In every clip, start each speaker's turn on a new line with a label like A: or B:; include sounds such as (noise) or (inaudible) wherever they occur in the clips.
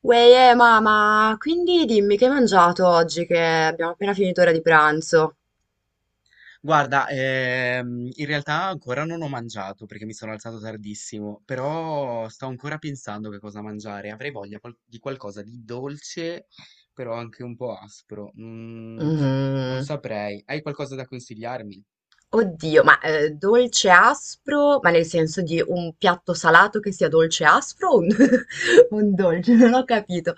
A: Uè, mamma, quindi dimmi che hai mangiato oggi che abbiamo appena finito ora di pranzo.
B: Guarda, in realtà ancora non ho mangiato perché mi sono alzato tardissimo, però sto ancora pensando che cosa mangiare. Avrei voglia di qualcosa di dolce, però anche un po' aspro. Non
A: Mhm.
B: saprei. Hai qualcosa da consigliarmi?
A: Oddio, ma dolce aspro, ma nel senso di un piatto salato che sia dolce aspro o (laughs) un dolce? Non ho capito.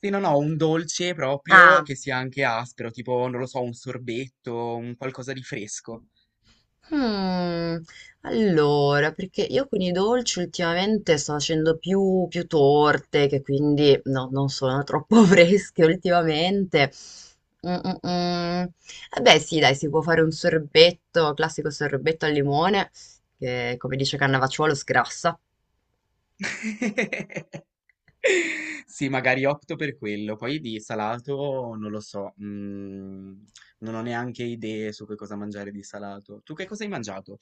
B: Sì, no, no, un dolce proprio
A: Ah.
B: che sia anche aspro, tipo, non lo so, un sorbetto, un qualcosa di fresco.
A: Mm, allora, perché io con i dolci ultimamente sto facendo più torte, che quindi no, non sono troppo (laughs) fresche ultimamente. Mm, mm, mm. Eh beh, sì, dai, si può fare un sorbetto, classico sorbetto al limone, che come dice Cannavacciuolo sgrassa.
B: (laughs) Sì, magari opto per quello. Poi di salato non lo so, non ho neanche idee su che cosa mangiare di salato. Tu che cosa hai mangiato?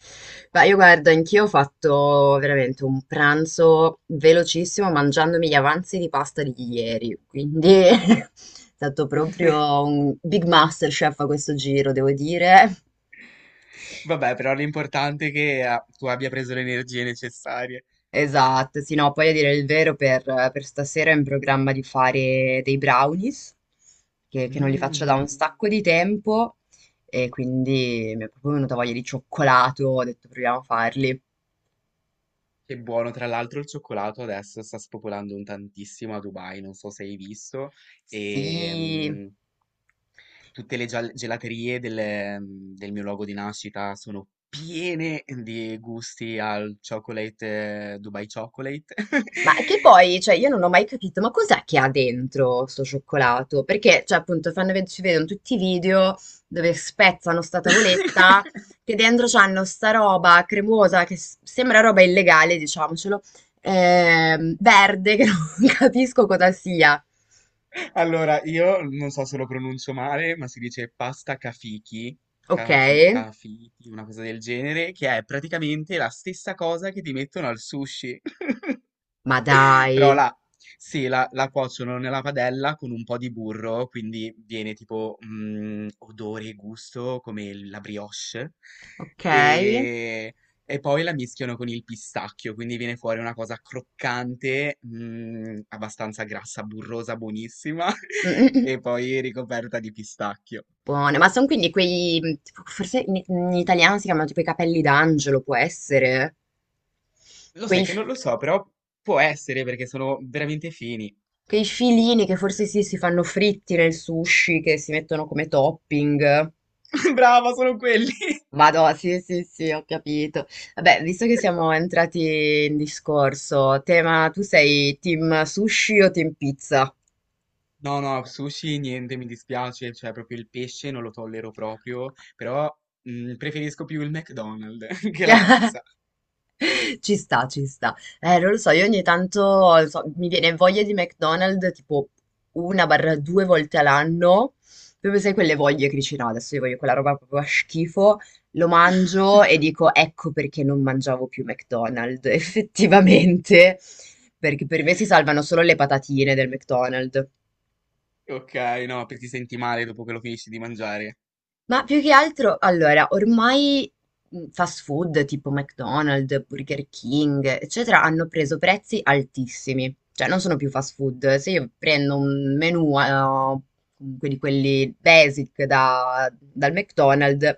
A: Ma io guarda, anch'io ho fatto veramente un pranzo velocissimo mangiandomi gli avanzi di pasta di ieri, quindi (laughs) è stato
B: (laughs)
A: proprio un big master chef a questo giro, devo dire.
B: Vabbè, però l'importante è che tu abbia preso le energie necessarie.
A: Esatto, sì, no, poi a dire il vero per stasera ho in programma di fare dei brownies, che non li faccio da un
B: Mm,
A: sacco di tempo, e quindi mi è proprio venuta voglia di cioccolato, ho detto proviamo a farli.
B: che buono, tra l'altro il cioccolato adesso sta spopolando un tantissimo a Dubai, non so se hai visto, e,
A: Sì.
B: tutte le gelaterie del mio luogo di nascita sono piene di gusti al chocolate, Dubai Chocolate.
A: Ma che
B: (laughs)
A: poi, cioè, io non ho mai capito, ma cos'è che ha dentro sto cioccolato? Perché, cioè, appunto, fanno ci vedono tutti i video dove spezzano sta tavoletta, che dentro c'hanno sta roba cremosa, che sembra roba illegale, diciamocelo, verde, che non (laughs) capisco cosa sia.
B: Allora, io non so se lo pronuncio male, ma si dice pasta kafiki,
A: Ok,
B: kati, kafiti, una cosa del genere, che è praticamente la stessa cosa che ti mettono al sushi. (laughs)
A: ma dai,
B: Però la sì, la la cuociono nella padella con un po' di burro, quindi viene tipo, mhmm, odore e gusto come il la brioche,
A: ok.
B: ehm, e poi la mischiano con il pistacchio, quindi viene fuori una cosa croccante, mhmm, abbastanza grassa, burrosa, buonissima
A: Mm, mm,
B: (laughs)
A: mm.
B: e poi ricoperta di pistacchio.
A: Buone, ma sono quindi quei, tipo, forse in italiano si chiamano tipo i capelli d'angelo, può essere?
B: Lo
A: Quei,
B: sai che
A: f-
B: non lo so, però può essere perché sono veramente fini.
A: Quei filini che forse sì, si fanno fritti nel sushi, che si mettono come topping.
B: (laughs) Brava, sono quelli!
A: Vado, sì, sì, sì, ho capito. Vabbè, visto che siamo entrati in discorso, tema, tu sei team sushi o team pizza?
B: No, no, sushi niente, mi dispiace, cioè proprio il pesce non lo tollero proprio, però preferisco più il McDonald's (laughs) che la
A: (laughs)
B: pizza.
A: (laughs) Ci sta, ci sta. Non lo so, io ogni tanto mi viene voglia di McDonald's tipo una barra due volte all'anno. Proprio sai quelle voglie che dici no, adesso io voglio quella roba proprio a schifo. Lo mangio e dico ecco perché non mangiavo più McDonald's, (laughs) effettivamente. Perché per me si salvano solo le patatine del McDonald's.
B: Ok, no, perché ti senti male dopo che lo finisci di mangiare.
A: Ma più che altro, allora, ormai fast food tipo McDonald's, Burger King, eccetera, hanno preso prezzi altissimi. Cioè, non sono più fast food. Se io prendo un menù, comunque di quelli basic dal McDonald's,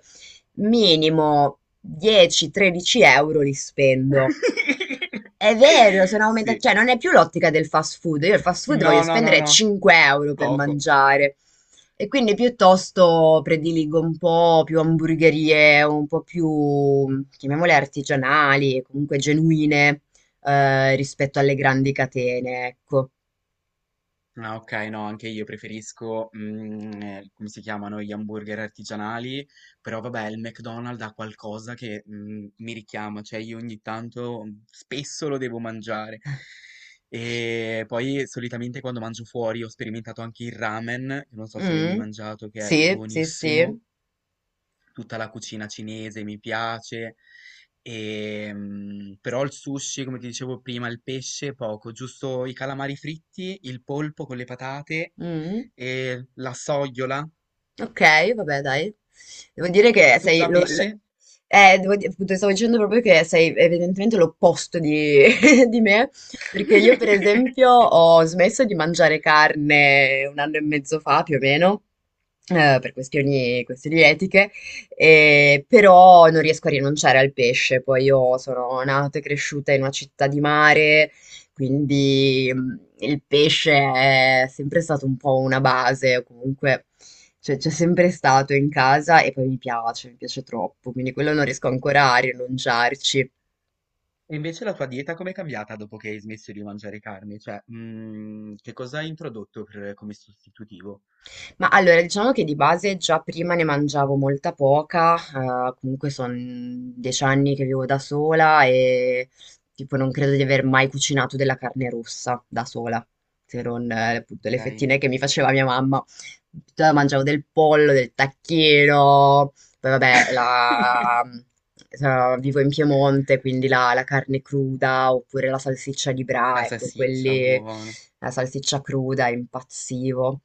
A: minimo 10-13 euro li spendo.
B: (laughs)
A: È vero, sono
B: Sì.
A: aumentati, cioè non è più l'ottica del fast food, io il fast food voglio
B: No, no, no,
A: spendere
B: no.
A: 5 euro per
B: Poco.
A: mangiare e quindi piuttosto prediligo un po' più hamburgerie, un po' più, chiamiamole artigianali, comunque genuine rispetto alle grandi catene, ecco.
B: Ah, okay, no, anche io preferisco, come si chiamano, gli hamburger artigianali, però vabbè il McDonald's ha qualcosa che, mhmm, mi richiama, cioè io ogni tanto spesso lo devo mangiare. E poi solitamente quando mangio fuori ho sperimentato anche il ramen, che non so se l'hai mai
A: Mm?
B: mangiato, che è
A: Sì, sì,
B: buonissimo.
A: sì.
B: Tutta la cucina cinese mi piace, però il sushi, come ti dicevo prima, il pesce poco, giusto i calamari fritti, il polpo con le patate
A: Mm.
B: e la sogliola.
A: Ok, vabbè, dai. Devo dire che
B: Tu
A: sei,
B: già pesce?
A: appunto, stavo dicendo proprio che sei evidentemente l'opposto di, (laughs) di me, perché io, per esempio,
B: (laughs)
A: ho smesso di mangiare carne un anno e mezzo fa, più o meno, per questioni etiche, però non riesco a rinunciare al pesce. Poi io sono nata e cresciuta in una città di mare, quindi il pesce è sempre stato un po' una base, o comunque cioè, c'è sempre stato in casa e poi mi piace troppo, quindi quello non riesco ancora a rinunciarci.
B: E invece la tua dieta com'è cambiata dopo che hai smesso di mangiare carne? Cioè, che cosa hai introdotto come sostitutivo?
A: Ma allora, diciamo che di base già prima ne mangiavo molta poca, comunque sono 10 anni che vivo da sola e tipo non credo di aver mai cucinato della carne rossa da sola, se non appunto le
B: Ok.
A: fettine che mi faceva mia mamma. Mangiavo del pollo, del tacchino. Vabbè,
B: (laughs)
A: vivo in Piemonte, quindi la carne cruda oppure la salsiccia di
B: La
A: Bra, ecco,
B: salsiccia,
A: quelli,
B: buona.
A: la salsiccia cruda, impazzivo.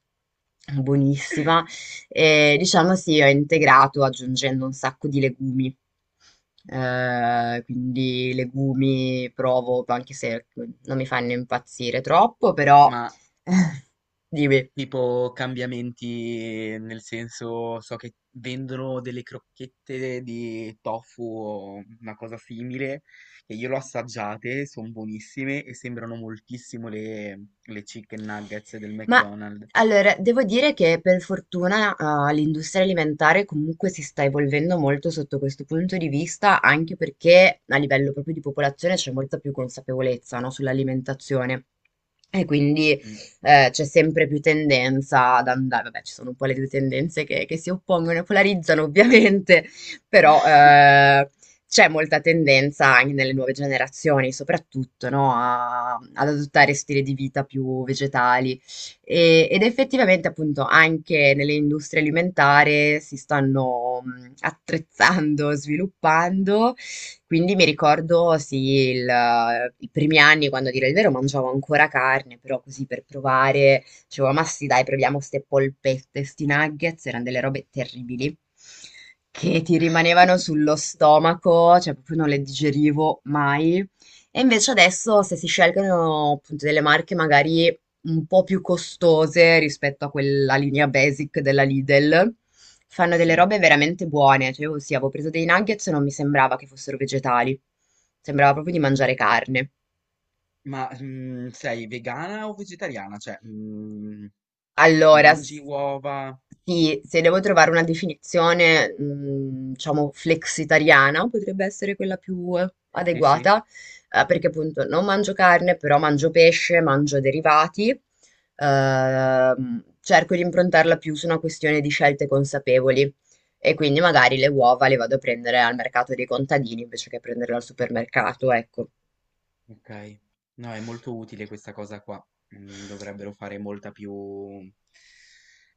A: Buonissima. E diciamo sì, ho integrato aggiungendo un sacco di legumi. Quindi legumi provo, anche se non mi fanno impazzire troppo, però
B: Ma
A: (laughs) dimmi.
B: tipo cambiamenti nel senso, so che vendono delle crocchette di tofu o una cosa simile, che io l'ho assaggiate, sono buonissime e sembrano moltissimo le chicken nuggets del
A: Ma
B: McDonald's.
A: allora, devo dire che per fortuna, ah, l'industria alimentare comunque si sta evolvendo molto sotto questo punto di vista, anche perché a livello proprio di popolazione c'è molta più consapevolezza, no, sull'alimentazione. E quindi
B: Mm,
A: c'è sempre più tendenza ad andare, vabbè, ci sono un po' le due tendenze che si oppongono e polarizzano ovviamente, però c'è molta tendenza anche nelle nuove generazioni, soprattutto, no, ad adottare stili di vita più vegetali ed effettivamente appunto anche nelle industrie alimentari si stanno attrezzando, (laughs) sviluppando, quindi mi ricordo sì, i primi anni quando a dire il vero mangiavo ancora carne, però così per provare, dicevo ma sì dai proviamo ste polpette, sti nuggets, erano delle robe terribili. Che ti rimanevano sullo stomaco, cioè proprio non le digerivo mai. E invece adesso se si scelgono appunto delle marche magari un po' più costose rispetto a quella linea basic della Lidl. Fanno delle
B: sì.
A: robe veramente buone. Cioè, io sì, avevo preso dei nuggets e non mi sembrava che fossero vegetali. Sembrava proprio di mangiare carne.
B: Ma sei vegana o vegetariana? Cioè,
A: Allora,
B: mangi uova?
A: sì, se devo trovare una definizione, diciamo, flexitariana, potrebbe essere quella più
B: Sì, sì.
A: adeguata, perché appunto non mangio carne, però mangio pesce, mangio derivati, cerco di improntarla più su una questione di scelte consapevoli e quindi magari le uova le vado a prendere al mercato dei contadini invece che prenderle al supermercato, ecco.
B: Ok, no, è molto utile questa cosa qua. Mm, dovrebbero fare molta più,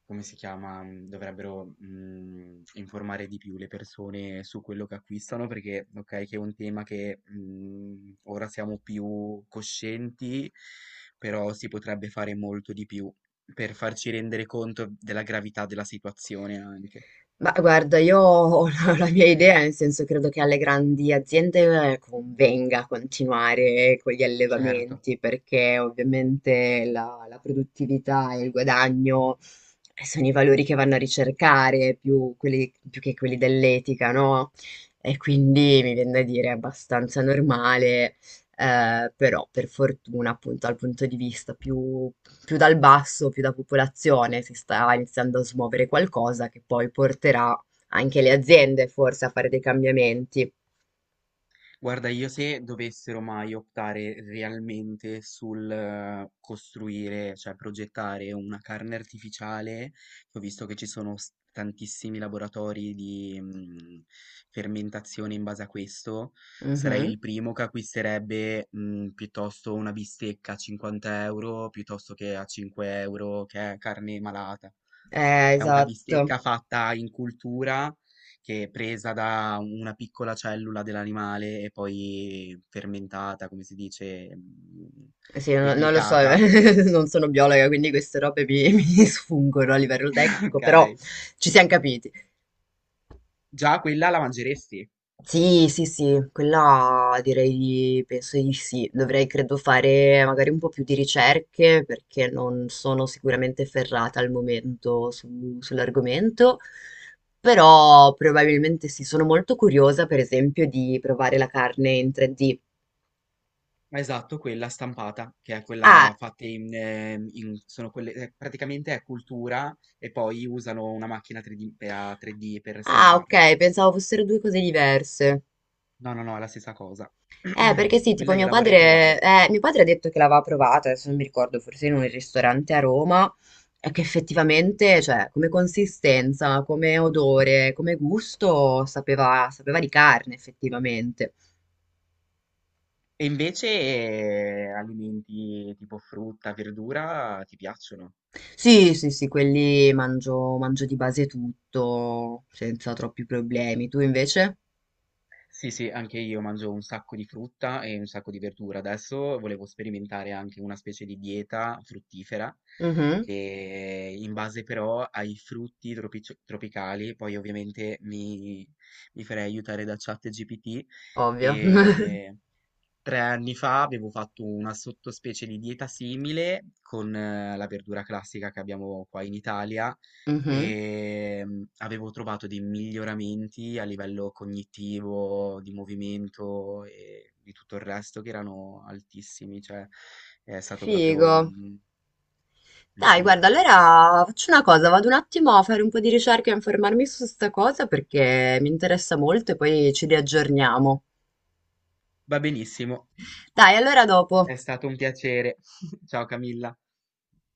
B: come si chiama? Mm, dovrebbero informare di più le persone su quello che acquistano perché, ok, che è un tema che ora siamo più coscienti, però si potrebbe fare molto di più per farci rendere conto della gravità della situazione anche.
A: Ma guarda, io ho (laughs) la mia idea, nel senso credo che alle grandi aziende convenga continuare con gli
B: Certo.
A: allevamenti, perché ovviamente la produttività e il guadagno sono i valori che vanno a ricercare, più, più che quelli dell'etica, no? E quindi mi viene da dire è abbastanza normale, però per fortuna appunto dal punto di vista più dal basso, più da popolazione, si sta iniziando a smuovere qualcosa che poi porterà anche le aziende forse a fare dei cambiamenti.
B: Guarda, io se dovessero mai optare realmente sul costruire, cioè progettare una carne artificiale, che ho visto che ci sono tantissimi laboratori di fermentazione in base a questo, sarei
A: Mhm.
B: il primo che acquisterebbe piuttosto una bistecca a 50 euro piuttosto che a 5 euro che è carne malata. C'è una
A: Esatto.
B: bistecca fatta in cultura che è presa da una piccola cellula dell'animale e poi fermentata, come si dice,
A: Sì, non lo so,
B: replicata. (coughs)
A: (laughs) non sono biologa, quindi queste robe mi, (laughs) mi sfungono a livello
B: (laughs)
A: tecnico,
B: Ok.
A: però ci siamo capiti.
B: Già quella la mangeresti.
A: Sì, sì, sì, quella direi di, penso di sì. Dovrei, credo, fare magari un po' più di ricerche perché non sono sicuramente ferrata al momento sull'argomento, però probabilmente sì, sono molto curiosa, per esempio, di provare la carne in 3D.
B: Esatto, quella stampata, che è quella
A: Ah,
B: fatta in, sono quelle, praticamente è cultura e poi usano una macchina 3D, a 3D per
A: ah,
B: stamparla.
A: ok, pensavo fossero due cose diverse.
B: No, no, no, è la stessa cosa. (coughs) (clears throat)
A: Perché sì, tipo
B: Quella gliela vorrei provare.
A: mio padre ha detto che l'aveva provata, adesso non mi ricordo, forse in un ristorante a Roma, e che effettivamente, cioè, come consistenza, come odore, come gusto, sapeva, sapeva di carne, effettivamente.
B: E invece alimenti tipo frutta, verdura ti piacciono?
A: Sì, sì, sì, quelli mangio, mangio di base tutto, senza troppi problemi. Tu invece?
B: Sì, sì, anche io mangio un sacco di frutta e un sacco di verdura. Adesso volevo sperimentare anche una specie di dieta fruttifera
A: Mhm,
B: che in base però ai tropicali, poi ovviamente mi farei aiutare da ChatGPT
A: ovvio. (laughs)
B: e 3 anni fa avevo fatto una sottospecie di dieta simile con la verdura classica che abbiamo qua in Italia
A: Mhm.
B: e avevo trovato dei miglioramenti a livello cognitivo, di movimento e di tutto il resto che erano altissimi, cioè è stato proprio...
A: Figo. Dai,
B: un-
A: guarda, allora faccio una cosa, vado un attimo a fare un po' di ricerca e informarmi su sta cosa perché mi interessa molto e poi ci riaggiorniamo.
B: va benissimo,
A: Dai, allora dopo.
B: è stato un piacere. (laughs) Ciao Camilla.